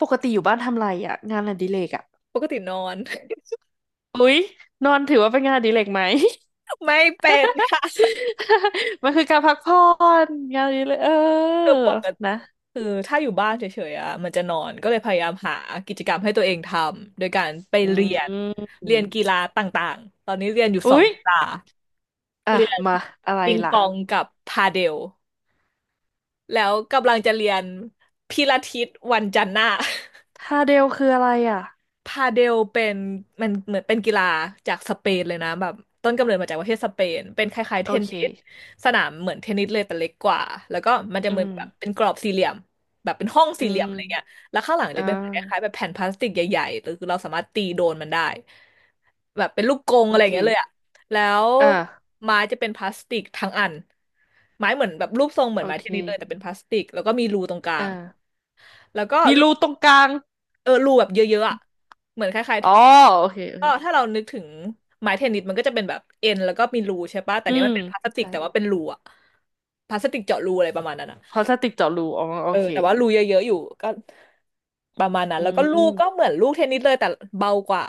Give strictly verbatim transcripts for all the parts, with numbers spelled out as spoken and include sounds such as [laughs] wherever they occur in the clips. ปกติอยู่บ้านทำไรอ่ะงานอดิเรกอ่ะปกตินอน อุ๊ยนอนถือว่าเป็นงานอดิเรกไหม [laughs] ไม่เป็นค่ะ [laughs] [laughs] มันคือการพักผ่อนงานอดิเรกเออคือปกตินะคือถ้าอยู่บ้านเฉยๆอ่ะมันจะนอนก็เลยพยายามหากิจกรรมให้ตัวเองทำโดยการไปอืเรียนเรียนกีมฬาต่างๆตอนนี้เรียนอยู่สออุ๊งยกีฬาอ่ะเรียนมาอะไรปิงล่ะปองกับพาเดลแล้วกำลังจะเรียนพิลาทิสวันจันทร์หน้า ทาเดลคืออะไรอ่ะพาเดลเป็นมันเหมือนเป็นกีฬาจากสเปนเลยนะแบบต้นกำเนิดมาจากประเทศสเปนเป็นคล้ายๆเทโอนเคนิสสนามเหมือนเทนนิสเลยแต่เล็กกว่าแล้วก็มันจะอืเหมือนมแบบเป็นกรอบสี่เหลี่ยมแบบเป็นห้องอืสี่เหลี่ยมมอะไรเงี้ยแล้วข้างหลังอ่จะเป็นเหมือนคล้ายาๆแบบแผ่นพลาสติกใหญ่ๆหรือเราสามารถตีโดนมันได้แบบเป็นลูกกรงโออะไรอเคย่างเงี้ยเลยอะแล้วอ่าไม้จะเป็นพลาสติกทั้งอันไม้เหมือนแบบรูปทรงเหมือโอนไม้เคเทนนิสเลยแต่เป็นพลาสติกแล้วก็มีรูตรงกลาอ่างแล้วก็มีลูรูกตรงกลางเออรูแบบเยอะๆอะเหมือนคล้ายอ๋อโอเคโอๆ ก็เคถ้าเรานึกถึงไม้เทนนิสมันก็จะเป็นแบบเอ็นแล้วก็มีรูใช่ปะแต่อืเนี้ยมัมนเป็นพลาสติกใช่แต่ว่าเป็นรูอะพลาสติกเจาะรูอะไรประมาณนั้นอะพลาสติกเจาะรูอ๋อโอเออเคแต่ว่ารูเยอะๆอยู่ก็ประมาณนั้นอืแล้วก็ลูกก็เหมมือนลูกเทนนิสเลยแต่เบากว่า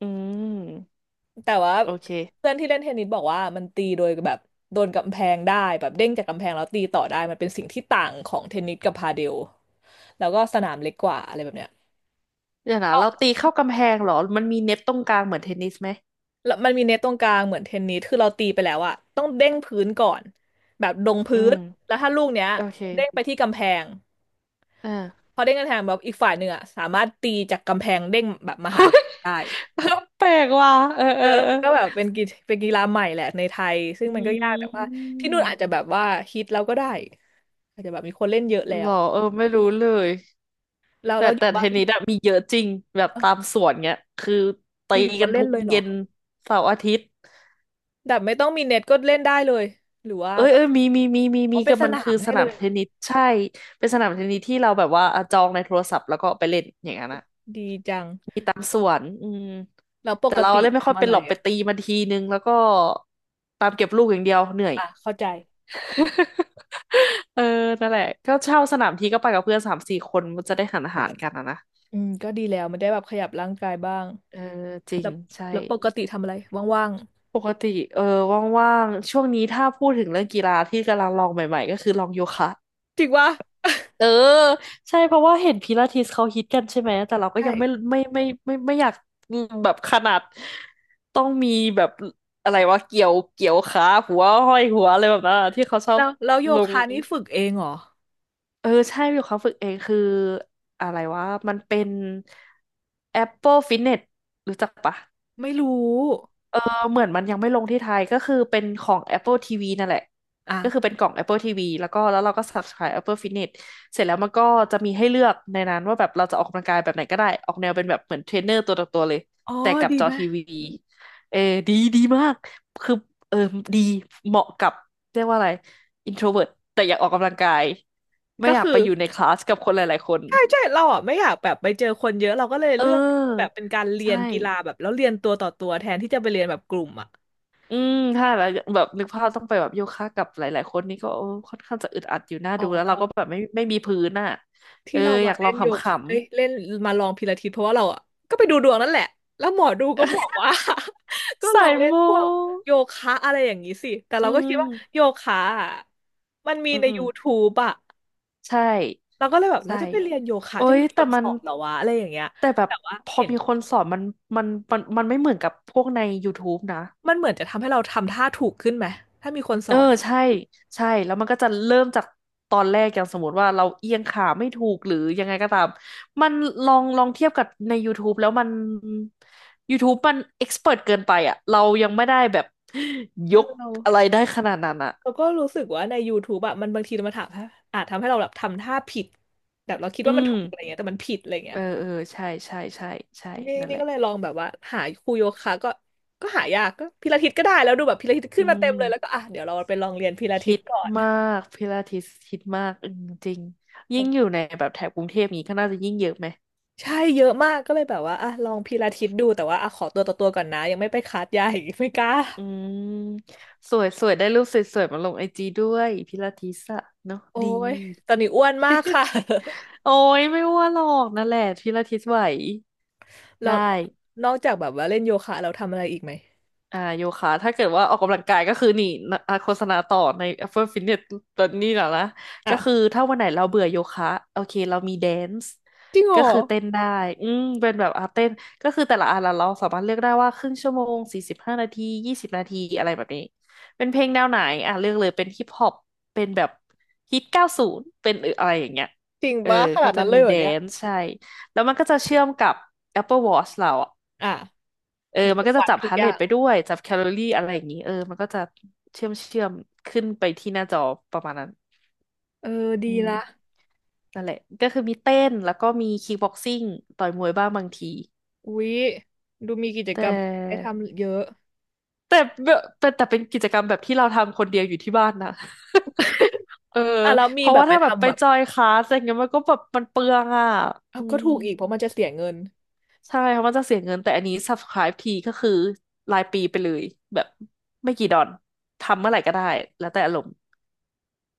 อืมแต่ว่าโอเค เพื่อนที่เล่นเทนนิสบอกว่ามันตีโดยแบบโดนกำแพงได้แบบเด้งจากกำแพงแล้วตีต่อได้มันเป็นสิ่งที่ต่างของเทนนิสกับพาเดลแล้วก็สนามเล็กกว่าอะไรแบบเนี้ย เดี๋ยวนะเราตีเข้ากำแพงเหรอมันมีเน็ตตรงกลางเหมือนเทนนิสไหมแล้วมันมีเน็ตตรงกลางเหมือนเทนนิสคือเราตีไปแล้วอะต้องเด้งพื้นก่อนแบบลงอืพื้มนแล้วถ้าลูกเนี้ยโอเคเด้งไปที่กำแพงอ่า พอเด้งกำแพงแบบอีกฝ่ายหนึ่งอะสามารถตีจากกำแพงเด้งแบบมาหาเราได้ [laughs] แปลกว่ะเออเอเอออเอมัอนก็แบบเป็นกีเป็นกีฬาใหม่แหละในไทยซึ่งอืมันก็ยากแต่ว่าที่นู่นอาจมจะแบบว่าฮิตแล้วก็ได้อาจจะแบบมีคนเล่นเยอะแล้เหรวอเออไม่รู้เลยเราแต่เราอแต่ยู่เทบ้านนนิสอะมีเยอะจริงแบบเอ้าตามสวนเงี้ยคืออตียู่อยู่กัมานเล่ทุนกเลยเหรอเย็นเสาร์อาทิตย์แบบไม่ต้องมีเน็ตก็เล่นได้เลยหรือว่าเอ้ยต้อเอ้งยมีมีมีมีอ๋อมีเป็นก็สมันนาคือมสให้นาเลมยเทนนิสใช่เป็นสนามเทนนิสที่เราแบบว่าอ่ะจองในโทรศัพท์แล้วก็ไปเล่นอย่างนั้นอะ ดีจังมีตามสวนอืมแล้วปแต่กเราติเล่นไม่ค่อยทำอะเป็นไรหรอกไปอ่ะ ตีมันทีนึงแล้วก็ตามเก็บลูกอย่างเดียวเหนื่อย อ่ะเข้าใจ [laughs] เออนั่นแหละ ก็เช่าสนามทีก็ไปกับเพื่อนสามสี่คนมันจะได้หันอาหารกันอะนะ อืมก็ดีแล้วมันได้แบบขยับร่างกายบ้างเออ จริแล้ง วใช่ แล้วปกติทำอะไรว่างปกติ เออ ว่างๆช่วงนี้ถ้าพูดถึงเรื่องกีฬาที่กำลังลองใหม่ๆ ก็คือลองโยคะ ๆจริงวะเออใช่เพราะว่าเห็นพิลาทิสเขาฮิตกันใช่ไหมแต่เราก็ใช่ยังไม่ไม่ไม่ไม่ไม่ไม่อยากอืมแบบขนาดต้องมีแบบอะไรวะเกี่ยวเกี่ยวขาหัวห้อยหัวอะไรแบบนั้นอะที่เขาชอบแล้วแล้วโยลงคะนี่ฝึกเองเหรอเออใช่อยู่เขาฝึกเองคืออะไรวะมันเป็น Apple Fitness รู้จักปะ ไม่รู้เหมือนมันยังไม่ลงที่ไทยก็คือเป็นของ Apple ที วี นั่นแหละอ่ะก็คือเป็นกล่อง Apple ที วี แล้วก็แล้วเราก็ subscribe Apple Fitness เสร็จแล้วมันก็จะมีให้เลือกในนั้นว่าแบบเราจะออกกำลังกายแบบไหนก็ได้ออกแนวเป็นแบบเหมือนเทรนเนอร์ตัวต่อตัวเลยอ๋อแต่กับดีจอไหมทีวีเออดีดีมากคือเออดีเหมาะกับเรียกว่าอะไร introvert แต่อยากออกกำลังกายไม่ก็อยากคือไปอยู่ในคลาสกับคนหลายๆคนใช่ใช่เราอ่ะไม่อยากแบบไปเจอคนเยอะเราก็เลยเเลือกแบบออเป็นการเรียใช่ นกีฬาแบบแล้วเรียนตัวต่อตัวแทนที่จะไปเรียนแบบกลุ่มอ่ะอืม ถ้าแล้วแบบนึกภาพต้องไปแบบโยคะกับหลายๆคนนี่ก็โอ้ค่อนข้างจะอึดอัดอยู่หน้าอ๋อดูแล้วเรา เราก็แบบไม่ไม่มีพื้นอ่ะเอที่อเราอมายากลเล่องนโยขำคะเอ้ยเล่นมาลองพิลาทิสเพราะว่าเราอ่ะก็ไปดูดวงนั่นแหละแล้วหมอดูก็บอกว่า ๆ [laughs] ก็ [laughs] ลใส่องเล่นมูพวกโยคะอะไรอย่างนี้สิแต่อืเราก็คิดว่าโยมคะอะมันมีอืใน ม YouTube อ่ะใช่เราก็เลยแบบเราใช่จะไปเรียนโยคะโอ้จะยมีคแต่นสมันอนเหรอวะอะไรอย่างเงี้ยแต่แบบแต่ว่าพอเห็นมีคนสอนมันมันมันมันไม่เหมือนกับพวกใน YouTube นะ มันเหมือนจะทำให้เราทำท่าถูกขึ้นไหมถ้ามีคนสเอออนใช่ใช่แล้วมันก็จะเริ่มจากตอนแรกอย่างสมมติว่าเราเอียงขาไม่ถูกหรือยังไงก็ตามมันลองลองเทียบกับใน YouTube แล้วมัน YouTube มันเอ็กซ์เพิร์เกินไปอ่ะเรายังไม่ได้แบบเอยอกเราอะไรได้ขนาดนั้นอ่ะเราก็รู้สึกว่าในย o ท t บ e อะมันบางทีมันถามอาจทำให้เราแบบทำท่าผิดแบบเราคิดอืว่ามันมถูกอะไรเงี้ยแต่มันผิดอะไรเงี้เอย อเออใช่ใช่ใช่ใช่นี่นั่นนี่แหละก็เลยลองแบบว่าหาครูโยคะก็ก็หายากก็พิลาทิสก็ได้แล้วดูแบบพิลาทิสขึ้อืนมาเต็มเลยแล้วก็มอ่ะเดี๋ยวเราไปลองเรียนพิลาทิฮิสตก่อนมากพิลาทิสฮิตมากอืมจริงยิ่งอยู่ในแบบแถบกรุงเทพนี้ก็น่าจะยิ่งเยอะไหม ใช่เยอะมากก็เลยแบบว่าอ่ะลองพิลาทิสดูแต่ว่าอ่ะขอตัวต่อตัวก่อนนะยังไม่ไปคลาสใหญ่ [laughs] ไม่กล้าอืมสวยสวยได้รูปสวยๆมาลงไอจีด้วยพิลาทิสอะเนาะโอ้ดี ยตอนนี้อ้วนมากค่ะ [laughs] โอ้ยไม่ว่าหรอกนั่นแหละพิลาทิสไหว [laughs] เราได้ นอกจากแบบว่าเล่นโยคะเราทำอะไรอีกไหมอ่าโยคะถ้าเกิดว่าออกกำลังกายก็คือนี่นะอ่ะโฆษณาต่อใน Apple Fitness ตอนนี้นะนะก็คืออ่ะถ้าวันไหนเราเบื่อโยคะโอเคเรามีแดนซ์จริงเหรก็อคือเต้นได้อืมเป็นแบบอาเต้นก็คือแต่ละอันละเราสามารถเลือกได้ว่าครึ่งชั่วโมงสี่สิบห้านาทียี่สิบนาทีอะไรแบบนี้เป็นเพลงแนวไหนอ่ะเลือกเลยเป็นฮิปฮอปเป็นแบบฮิตเก้าศูนย์เป็นอะไรอย่างเงี้ยจริงเออปะขก็นาดจะนั้นเลมียเหรแดอเนี่ยนซ์ใช่แล้วมันก็จะเชื่อมกับ Apple Watch เราอะ อ่ะเออมันมัคืนอก็จะวัดจับทุกฮาร์ทอเรย่าทงไปด้วย จับแคลอรี่อะไรอย่างนี้เออมันก็จะเชื่อมเชื่อมขึ้นไปที่หน้าจอประมาณนั้นเออดีอืมละนั่นแหละก็คือมีเต้น แล้วก็มีคิกบ็อกซิ่งต่อยมวยบ้างบางทีอุ๊ยดูมีกิจแตกรรมให้่ทำเยอะ แต่แต่แต่เป็นกิจกรรมแบบที่เราทำคนเดียวอยู่ที่บ้านนะ [laughs] เอออ่ะแล้วมีเพราะแบว่าบไปถ้าแบบไปทำแบบจอยคลาสอะไรเงี้ยมันก็แบบมันเปลืองอ่ะเอาอืก็มถูกอีกเพราะมันจะเสียเงินใช่ เพราะมันจะเสียเงิน แต่อันนี้ subscribe ทีก็คือรายปีไปเลยแบบไม่กี่ดอนทำเมื่อไหร่ก็ได้แล้วแต่อารมณ์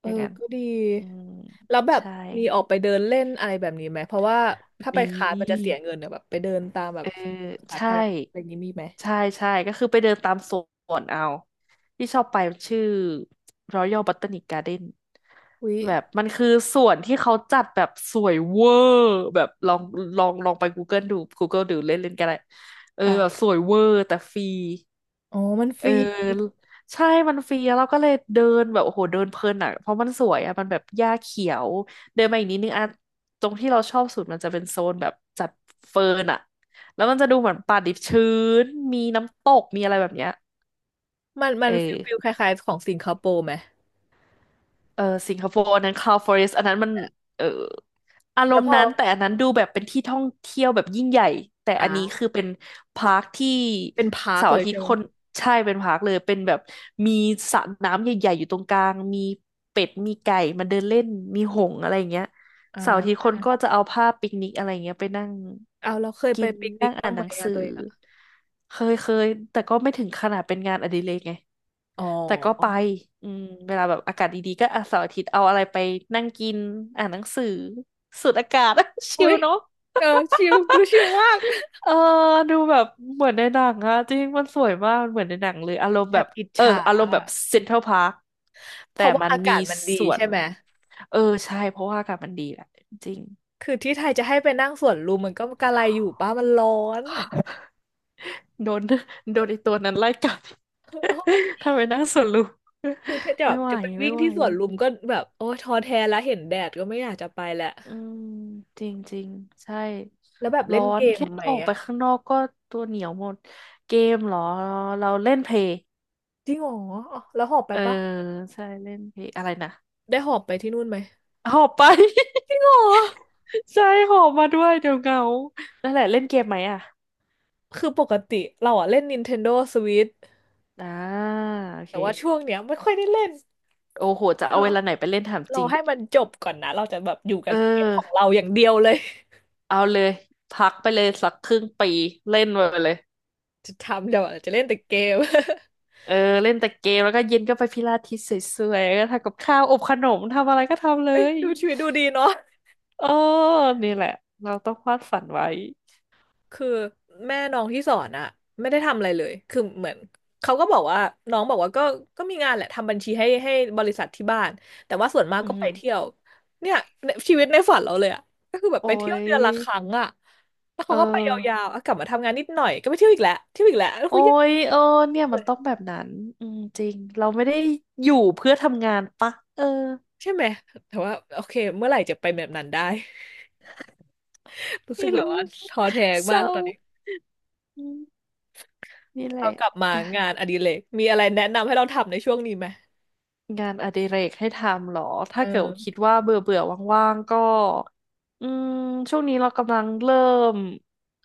เอออย่างนั้นก็ดีอืมแล้วแบบใช่มีออกไปเดินเล่นอะไรแบบนี้ไหมเพราะว่าถ้าไปมีคาสมันจะเสียเงินเนี่ยแบบไปเดินตามแบเอบอสาใช่ธารณะอะไรอย่างนี้มีไหมใช่ใช่ก็คือไปเดินตามสวนเอาที่ชอบไปมันชื่อ Royal Botanic Garden อุ๊ยแบบมันคือสวนที่เขาจัดแบบสวยเวอร์แบบลองลองลองไป Google ดู Google ดูเล่นเล่นก็ได้เอออ่ะแบบสวยเวอร์แต่ฟรี อ๋อมันฟเอรีอใช่มันฟรีแล้วเราก็เลยเดินแบบโอ้โหเดินเพลินอ่ะเพราะมันสวยอ่ะมันแบบหญ้าเขียวเดินมาอีกนิดนึงอ่ะตรงที่เราชอบสุดมันจะเป็นโซนแบบจัดเฟิร์นอ่ะแล้วมันจะดูเหมือนป่าดิบชื้นมีน้ำตกมีอะไรแบบเนี้ยมันมัเอนอ ฟิลฟิลคล้ายๆของสิงคโปร์ไหมเออสิงคโปร์อันนั้น Cloud Forest อันนั้นมันเอออารแล้มวพณ์อนั้นแต่อันนั้นดูแบบเป็นที่ท่องเที่ยวแบบยิ่งใหญ่แต่อันนี้คืออ่าเป็นพาร์คที่เป็นพาร์คเสาร์เลอายทิตใช่ย์ไหมคนใช่เป็นพาร์คเลยเป็นแบบมีสระน้ำใหญ่ๆอยู่ตรงกลางมีเป็ดมีไก่มาเดินเล่นมีหงส์อะไรอย่างเงี้ยอ่เสาร์อาทิตย์าคนก็จะเอาผ้าปิกนิกอะไรอย่างเงี้ยไปนั่งเอาเราเคยไปกินปิกนินั่กงบ้าอ่างนหไหมนังอะสืตัวอเองอะเคยเคยแต่ก็ไม่ถึงขนาดเป็นงานอดิเรกไง อ๋อแต่ก็ไปอืมเวลาแบบอากาศดีๆก็อาเสาร์อาทิตย์เอาอะไรไปนั่งกินอ่านหนังสือสูดอากาศ [laughs] ชิอุ๊ลยเนาะเออชิลดูชิลมากเออดูแบบเหมือนในหนังอะจริงมันสวยมากมันเหมือนในหนังเลยอารมณ์แอแบบบอิจเออฉาอารมณ์แบอะบเซ็นทรัลพาร์คเพแต่ราะว่ามันอามีกาศมันดีสวใช่นไหม เออใช่เพราะว่าอากาศมันดีแหละจริงคือที่ไทยจะให้ไปนั่งสวนลุมมันก็กะไรอยู่ป้ามันร้อน โดน [laughs] โดนไอตัวนั้นไล่กัด [laughs] โอ้ย [laughs] ทำไมนั่งสวนลุม คือถ้าจะ [laughs] แบไม่บไหวจะไปวิ่ไม่งไหว ที่สวนลุมก็แบบโอ้ยท้อแท้แล้วเห็นแดดก็ไม่อยากจะไปแหละ อืมจริงจริงใช่แล้วแบบร้เล่อนเกนมแค่ไหมออกไปอะข้างนอกก็ตัวเหนียวหมดเกมเหรอเราเล่นเพลย์จริงเหรออ๋อแล้วหอบไปเออปะใช่เล่นเพลย์อะไรนะได้หอบไปที่นู่นไหมหอบไป อรอ [laughs] ใช่หอบมาด้วยเดี๋ยวเหงานั่นแหละเล่นเกมไหมอ่ะคือปกติเราอะเล่น นินเทนโดสวิตช์ อ่าโอเคแต่ว่าช่วงเนี้ยไม่ค่อยได้เล่นโอ้โหจะเอาเราเวลาไหนไปเล่นถามจเราริงให้มันจบก่อนนะ เราจะแบบอยู่เกับเกมของออเราอย่างเดียวเลยเอาเลยพักไปเลยสักครึ่งปีเล่นไปเลยจะทำเดี๋ยวจะเล่นแต่เกม [laughs] เออเล่นแต่เกมแล้วก็เย็นก็ไปพิลาทิสสวยๆแล้วก็ทำกับข้าวอบขนมทำอะไรก็ทำเลเอ้ยย ดูชีวิตดูดีเนาะ เออนี่แหละ เราต้องวาดฝันไว้คือแม่น้องที่สอนอะไม่ได้ทำอะไรเลยคือเหมือนเขาก็บอกว่าน้องบอกว่าก็ก็มีงานแหละทำบัญชีให้ให้บริษัทที่บ้านแต่ว่าส่วนมากอืก็ไปเที่ยมวเนี่ยชีวิตในฝันเราเลยอะก็คือแบบโอ้ไปเที่ยวยเดือนละครั้งอะแล้วเอเขาก็ไปยาอ วๆอะกลับมาทำงานนิดหน่อยก็ไปเที่ยวอีกแล้วเที่ยวอีกแล้วแล้วโอ้คุยายเออเนี่ย เลมันยต้องแบบนั้นอืมจริง เราไม่ได้อยู่เพื่อทำงานปะ เออ ใช่ไหมแต่ว่าโอเคเมื่อไหร่จะไปแบบนั้นได้ [laughs] รู้สึไม่กแบบรู้ว่าท้อแท้เศมากร้าตอนนี้อืมนี่แหละเรากลับมาอ่ะงานอดิเรกมีอะไรแนะนำให้เราทำในช่วงนี้ไหมงานอดิเรกให้ทำเหรอ เอถ้าเกิดคิดอ ว่าเบื่อเบื่อว่างๆ ก็ อืมช่วงนี้เรากำลังเริ่ม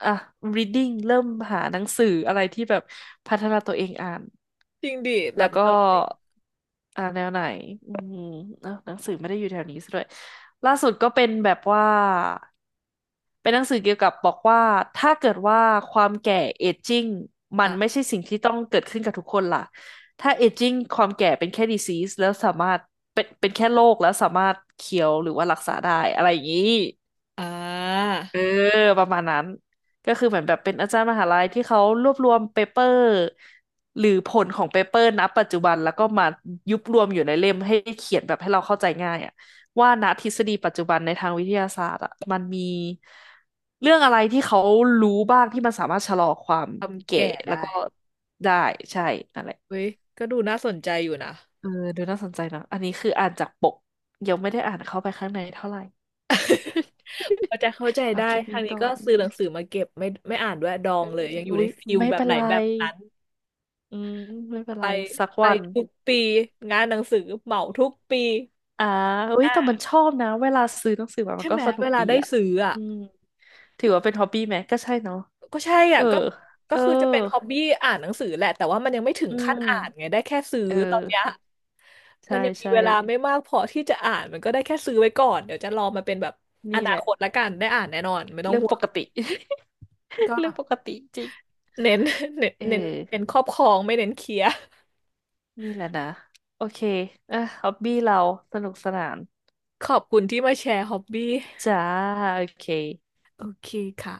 อ่ะ reading เริ่มหาหนังสืออะไรที่แบบพัฒนาตัวเองอ่าน จริงดิแบแล้วบแนก็วไหนอ่าแนวไหนอืมเอ้าหนังสือไม่ได้อยู่แถวนี้ซะด้วยล่าสุดก็เป็นแบบว่าเป็นหนังสือเกี่ยวกับบอกว่าถ้าเกิดว่าความแก่เอจจิ้งมันไม่อ่ะใช่สิ่งที่ต้องเกิดขึ้นกับทุกคนล่ะถ้าเอจจิ้งความแก่เป็นแค่ disease แล้วสามารถเป็นเป็นแค่โรคแล้วสามารถเคียวหรือว่ารักษาได้อะไรอย่างนี้ อ่าเออประมาณนั้นก็คือเหมือนแบบเป็นอาจารย์มหาลัยที่เขารวบรวมเปเปอร์หรือผลของเปเปอร์ณปัจจุบันแล้วก็มายุบรวมอยู่ในเล่มให้เขียนแบบให้เราเข้าใจง่ายอะว่าณทฤษฎีปัจจุบันในทางวิทยาศาสตร์อะมันมีเรื่องอะไรที่เขารู้บ้างที่มันสามารถชะลอความทำแก่แก่แล้วได้ก็ได้ใช่นั่นแหละเว้ย ก็ดูน่าสนใจอยู่นะเออดูน่าสนใจนะอันนี้คืออ่านจากปกยังไม่ได้อ่านเข้าไปข้างในเท่าไหร่ เขาใจเข้าใจ [laughs] เอาได้แค่ทานี้งนี้ก่อก็นซื้อหนังสือมาเก็บไม่ไม่อ่านด้วยดองเลยยังอยู่อุ๊ในยฟิลไม่แบบเป็นไหนไร แบบนั้นอืมไม่เป็นไปไรสักไปวันทุกปีงานหนังสือเหมาทุกปีอ่าอุ้ยอ่แต่ามันชอบนะเวลาซื้อหนังสือมามัใช่นก็ไหมสนุเวกลาดีได้อ่ะซื้ออ่ะอืมถือว่าเป็นฮอบบี้ไหมก็ใช่เนาะก็ใช่เออ่ะอก็ก็เออคือจะเป็นฮอบบี้อ่านหนังสือแหละแต่ว่ามันยังไม่ถึงอืขั้นอ่านไงมได้แค่ซื้อเออตอนเนี้ย มัใช่นยังมีใช่เวลาไม่มากพอที่จะอ่านมันก็ได้แค่ซื้อไว้ก่อนเดี๋ยวจะรอมาเป็นแบบอนี่นาแหละคตละกันได้อ่านแน่นอนไม่ต้องเรื่องห่วปงกติ ก็ [laughs] เรื่องปกติจริงเน้นเน้นเอเน้นเน้นอครอบครองไม่เน้นเคลียร์นี่แหละนะโอเคอ่ะฮอบบี้เราสนุกสนานขอบคุณที่มาแชร์ฮอบบี้จ้าโอเคโอเคค่ะ